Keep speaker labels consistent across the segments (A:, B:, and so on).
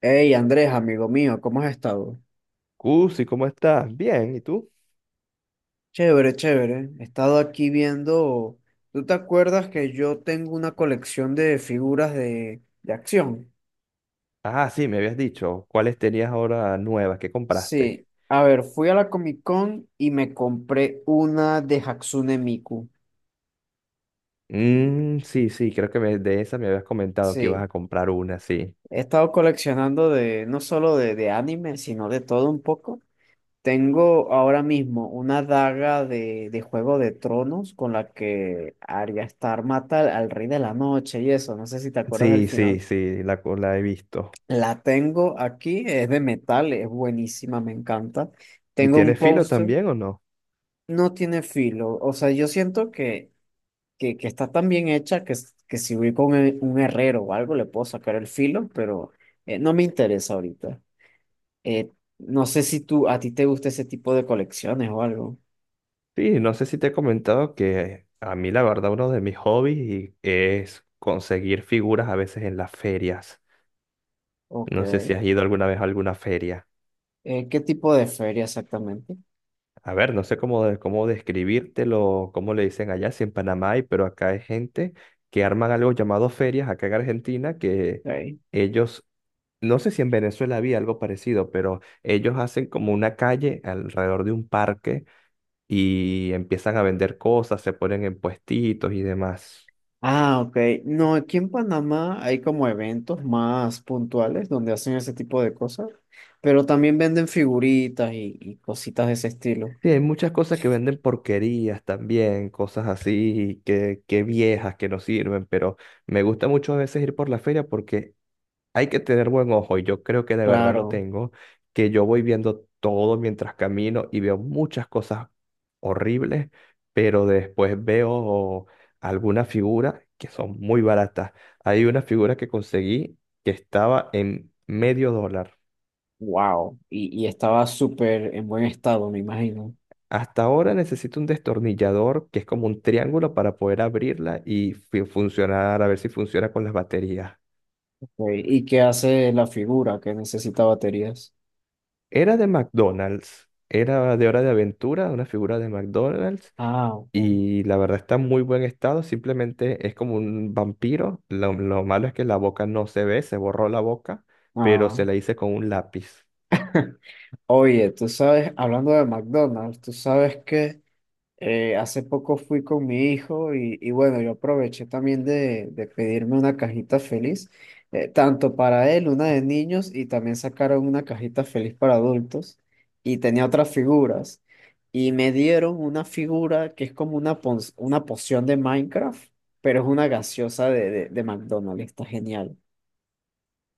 A: Hey Andrés, amigo mío, ¿cómo has estado?
B: Cusi, ¿cómo estás? Bien, ¿y tú?
A: Chévere, chévere. He estado aquí viendo. ¿Tú te acuerdas que yo tengo una colección de figuras de acción?
B: Ah, sí, me habías dicho. ¿Cuáles tenías ahora nuevas? ¿Qué compraste?
A: Sí. A ver, fui a la Comic Con y me compré una de Hatsune Miku.
B: Mm, sí, sí, creo que de esa me habías comentado que ibas
A: Sí.
B: a comprar una, sí.
A: He estado coleccionando de no solo de anime, sino de todo un poco. Tengo ahora mismo una daga de Juego de Tronos con la que Arya Stark mata al Rey de la Noche y eso, no sé si te acuerdas del
B: Sí, sí,
A: final.
B: sí, la he visto.
A: La tengo aquí, es de metal, es buenísima, me encanta.
B: ¿Y
A: Tengo un
B: tienes filo
A: póster,
B: también o no?
A: no tiene filo, o sea, yo siento que está tan bien hecha que, que si voy con un herrero o algo le puedo sacar el filo, pero no me interesa ahorita. Eh, no sé si tú, a ti te gusta ese tipo de colecciones o algo.
B: Sí, no sé si te he comentado que a mí la verdad uno de mis hobbies es conseguir figuras a veces en las ferias.
A: Ok.
B: No sé si has ido alguna vez a alguna feria.
A: ¿Qué tipo de feria exactamente?
B: A ver, no sé cómo, cómo describírtelo, cómo le dicen allá, si en Panamá hay, pero acá hay gente que arman algo llamado ferias, acá en Argentina, que
A: Ok.
B: ellos, no sé si en Venezuela había algo parecido, pero ellos hacen como una calle alrededor de un parque y empiezan a vender cosas, se ponen en puestitos y demás.
A: Ah, ok. No, aquí en Panamá hay como eventos más puntuales donde hacen ese tipo de cosas, pero también venden figuritas y cositas de ese estilo.
B: Sí, hay muchas cosas que venden porquerías también, cosas así que viejas que no sirven, pero me gusta mucho a veces ir por la feria porque hay que tener buen ojo y yo creo que de verdad lo
A: Claro,
B: tengo, que yo voy viendo todo mientras camino y veo muchas cosas horribles, pero después veo algunas figuras que son muy baratas. Hay una figura que conseguí que estaba en medio dólar.
A: wow. Y estaba súper en buen estado, me imagino.
B: Hasta ahora necesito un destornillador que es como un triángulo para poder abrirla y funcionar, a ver si funciona con las baterías.
A: Ok, ¿y qué hace la figura que necesita baterías?
B: Era de McDonald's, era de Hora de Aventura, una figura de McDonald's.
A: Ah, ok.
B: Y la verdad está en muy buen estado, simplemente es como un vampiro. Lo malo es que la boca no se ve, se borró la boca, pero se
A: Ah.
B: la hice con un lápiz.
A: Oye, tú sabes, hablando de McDonald's, tú sabes que... hace poco fui con mi hijo y bueno, yo aproveché también de pedirme una cajita feliz, tanto para él, una de niños, y también sacaron una cajita feliz para adultos y tenía otras figuras. Y me dieron una figura que es como una, una poción de Minecraft, pero es una gaseosa de, de McDonald's, está genial.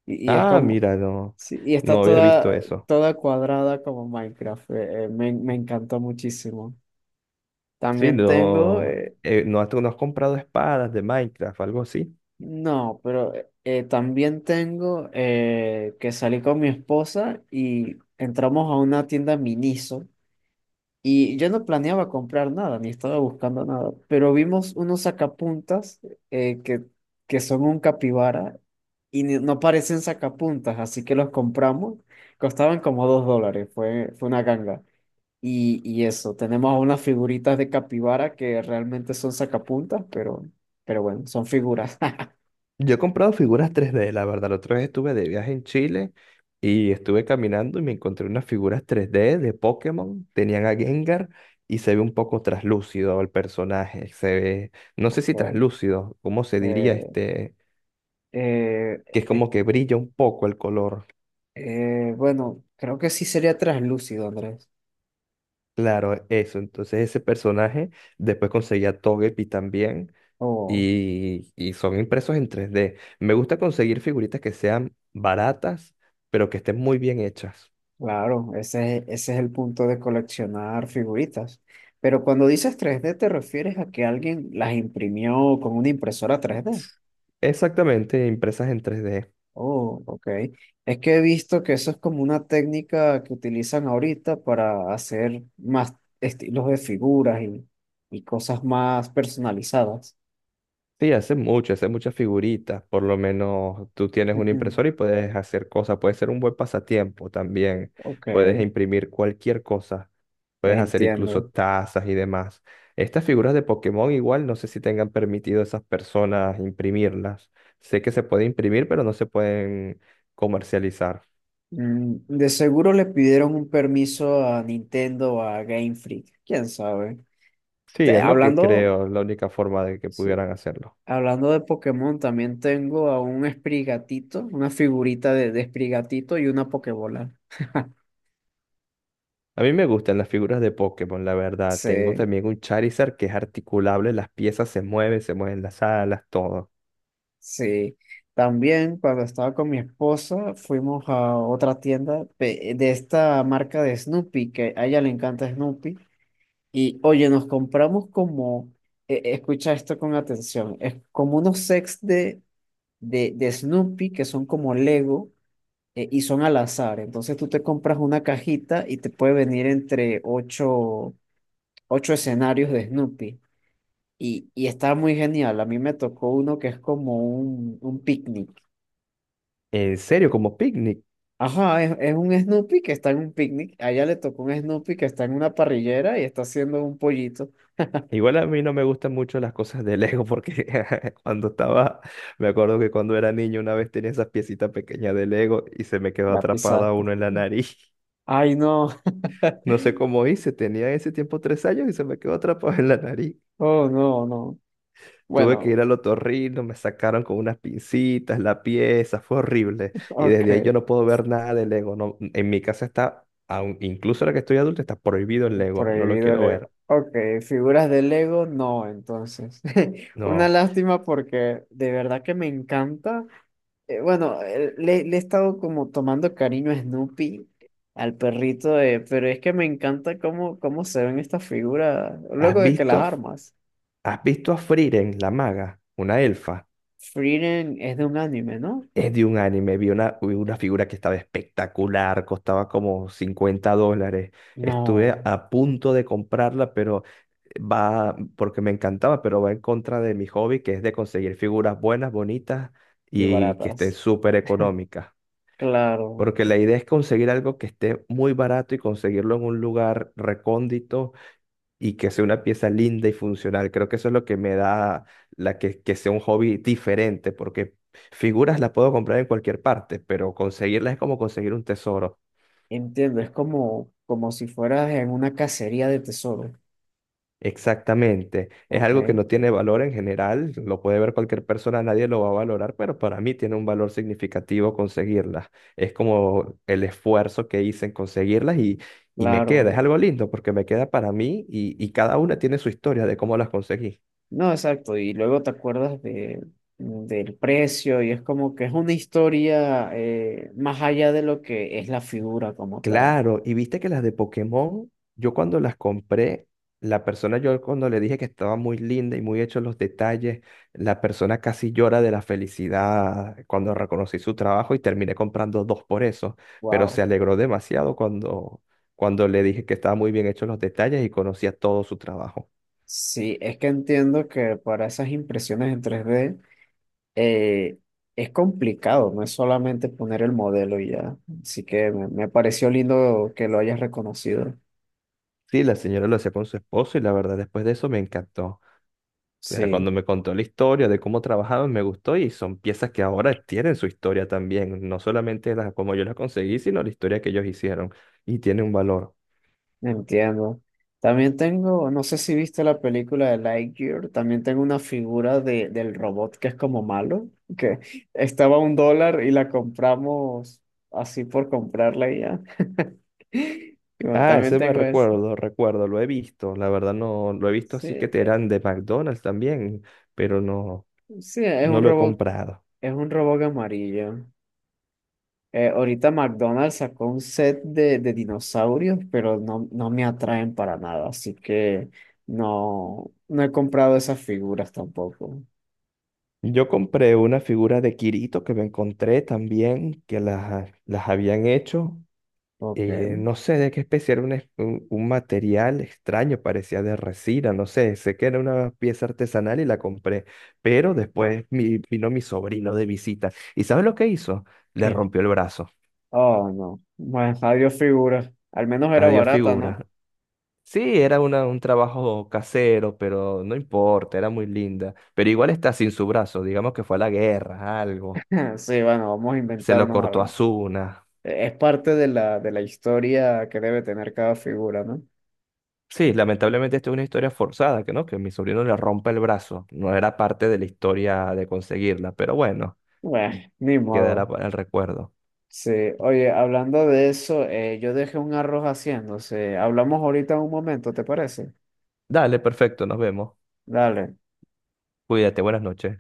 A: Y es
B: Ah,
A: como,
B: mira, no,
A: sí, y está
B: no había visto
A: toda,
B: eso.
A: toda cuadrada como Minecraft, me, me encantó muchísimo.
B: Sí,
A: También tengo,
B: no, no, no has comprado espadas de Minecraft, algo así.
A: no, pero también tengo que salí con mi esposa y entramos a una tienda Miniso y yo no planeaba comprar nada, ni estaba buscando nada, pero vimos unos sacapuntas eh, que, que son un capibara y no parecen sacapuntas, así que los compramos. Costaban como dos dólares, fue, fue una ganga. Y eso, tenemos unas figuritas de capibara que realmente son sacapuntas, pero bueno, son figuras.
B: Yo he comprado figuras 3D, la verdad. La otra vez estuve de viaje en Chile y estuve caminando y me encontré unas figuras 3D de Pokémon. Tenían a Gengar y se ve un poco traslúcido el personaje. Se ve, no sé si traslúcido, ¿cómo se diría
A: Eh,
B: este?
A: eh,
B: Que es
A: eh,
B: como que brilla un poco el color.
A: bueno, creo que sí sería traslúcido, Andrés.
B: Claro, eso. Entonces ese personaje, después conseguí a Togepi también
A: Oh,
B: y son impresos en 3D. Me gusta conseguir figuritas que sean baratas, pero que estén muy bien hechas.
A: claro, ese es el punto de coleccionar figuritas. Pero cuando dices 3D, ¿te refieres a que alguien las imprimió con una impresora 3D?
B: Exactamente, impresas en 3D.
A: Oh, ok. Es que he visto que eso es como una técnica que utilizan ahorita para hacer más estilos de figuras y cosas más personalizadas.
B: Sí, hace muchas figuritas. Por lo menos tú tienes
A: Mm,
B: un
A: mm.
B: impresor y puedes hacer cosas. Puede ser un buen pasatiempo también.
A: Ok,
B: Puedes imprimir cualquier cosa. Puedes hacer
A: entiendo.
B: incluso tazas y demás. Estas figuras de Pokémon igual no sé si tengan permitido a esas personas imprimirlas. Sé que se puede imprimir, pero no se pueden comercializar.
A: Mm, de seguro le pidieron un permiso a Nintendo o a Game Freak, quién sabe.
B: Sí, es lo que
A: Hablando,
B: creo, la única forma de que
A: sí,
B: pudieran hacerlo.
A: hablando de Pokémon, también tengo a un Sprigatito, una figurita de Sprigatito y una Pokébola.
B: A mí me gustan las figuras de Pokémon, la verdad. Tengo
A: Sí,
B: también un Charizard que es articulable, las piezas se mueven las alas, todo.
A: sí. También cuando estaba con mi esposa fuimos a otra tienda de esta marca de Snoopy, que a ella le encanta Snoopy. Y oye, nos compramos como, escucha esto con atención, es como unos sets de de Snoopy que son como Lego y son al azar. Entonces tú te compras una cajita y te puede venir entre ocho, ocho escenarios de Snoopy. Y está muy genial. A mí me tocó uno que es como un picnic.
B: En serio, como picnic.
A: Ajá, es un Snoopy que está en un picnic. A ella le tocó un Snoopy que está en una parrillera y está haciendo un pollito.
B: Igual a mí no me gustan mucho las cosas de Lego porque cuando estaba, me acuerdo que cuando era niño una vez tenía esas piecitas pequeñas de Lego y se me quedó
A: La
B: atrapada
A: pisaste.
B: uno en la nariz.
A: Ay, no.
B: No sé cómo hice, tenía en ese tiempo 3 años y se me quedó atrapado en la nariz.
A: Oh, no, no.
B: Tuve que ir
A: Bueno,
B: al otorrino, me sacaron con unas pincitas la pieza, fue horrible. Y desde ahí yo
A: ok.
B: no puedo ver nada de Lego. No, en mi casa está, incluso ahora que estoy adulto, está prohibido el Lego. No lo
A: Prohibido
B: quiero
A: Lego.
B: ver.
A: Ok, figuras de Lego, no, entonces. Una
B: No.
A: lástima porque de verdad que me encanta. Bueno, le, le he estado como tomando cariño a Snoopy, al perrito, pero es que me encanta cómo, cómo se ven estas figuras. Luego
B: ¿Has
A: de que
B: visto
A: las
B: a,
A: armas.
B: has visto a Frieren, la maga? Una elfa.
A: Frieren es de un anime, ¿no?
B: Es de un anime. Vi una figura que estaba espectacular, costaba como 50 dólares. Estuve
A: No,
B: a punto de comprarla, pero va, porque me encantaba, pero va en contra de mi hobby, que es de conseguir figuras buenas, bonitas
A: y
B: y que estén
A: baratas.
B: súper económicas.
A: Claro,
B: Porque la idea es conseguir algo que esté muy barato y conseguirlo en un lugar recóndito y que sea una pieza linda y funcional. Creo que eso es lo que me da la que sea un hobby diferente, porque figuras las puedo comprar en cualquier parte, pero conseguirlas es como conseguir un tesoro.
A: entiendo, es como, como si fueras en una cacería de tesoro.
B: Exactamente. Es
A: Ok,
B: algo que no tiene valor en general, lo puede ver cualquier persona, nadie lo va a valorar, pero para mí tiene un valor significativo conseguirlas. Es como el esfuerzo que hice en conseguirlas y me queda,
A: claro.
B: es algo lindo porque me queda para mí y cada una tiene su historia de cómo las conseguí.
A: No, exacto. Y luego te acuerdas de, del precio y es como que es una historia más allá de lo que es la figura como tal.
B: Claro, y viste que las de Pokémon, yo cuando las compré, la persona, yo cuando le dije que estaba muy linda y muy hechos los detalles, la persona casi llora de la felicidad cuando reconocí su trabajo y terminé comprando dos por eso, pero se
A: Wow.
B: alegró demasiado cuando, le dije que estaba muy bien hechos los detalles y conocía todo su trabajo.
A: Sí, es que entiendo que para esas impresiones en 3D eh, es complicado, no es solamente poner el modelo y ya. Así que me pareció lindo que lo hayas reconocido.
B: Sí, la señora lo hacía con su esposo y la verdad después de eso me encantó. O sea, cuando
A: Sí.
B: me contó la historia de cómo trabajaban, me gustó y son piezas que ahora tienen su historia también, no solamente las como yo las conseguí, sino la historia que ellos hicieron y tiene un valor.
A: Entiendo. También tengo, no sé si viste la película de Lightyear, también tengo una figura de, del robot que es como malo, que estaba a un dólar y la compramos así por comprarla y ya. Y bueno,
B: Ah,
A: también
B: ese me
A: tengo eso.
B: recuerdo, lo he visto, la verdad no lo he visto
A: Sí,
B: así que te eran de McDonald's también, pero no
A: sí,
B: no lo he comprado.
A: es un robot amarillo. Ahorita McDonald's sacó un set de dinosaurios, pero no, no me atraen para nada, así que no, no he comprado esas figuras tampoco.
B: Yo compré una figura de Kirito que me encontré también que las habían hecho
A: Ok.
B: no sé de qué especie era un material extraño, parecía de resina, no sé, sé que era una pieza artesanal y la compré, pero después vino mi sobrino de visita y ¿sabes lo que hizo? Le
A: ¿Qué?
B: rompió el brazo.
A: Oh, no. Bueno, adiós figura. Al menos era
B: Adiós
A: barata, ¿no?
B: figura. Sí, era una, un trabajo casero, pero no importa, era muy linda. Pero igual está sin su brazo, digamos que fue a la guerra, algo.
A: Sí, bueno, vamos a
B: Se lo
A: inventarnos a
B: cortó a
A: ver.
B: Asuna.
A: Es parte de la historia que debe tener cada figura, ¿no?
B: Sí, lamentablemente esto es una historia forzada, que no, que mi sobrino le rompa el brazo. No era parte de la historia de conseguirla, pero bueno,
A: Bueno, ni
B: quedará
A: modo.
B: para el recuerdo.
A: Sí, oye, hablando de eso, yo dejé un arroz haciéndose. Hablamos ahorita un momento, ¿te parece?
B: Dale, perfecto, nos vemos.
A: Dale.
B: Cuídate, buenas noches.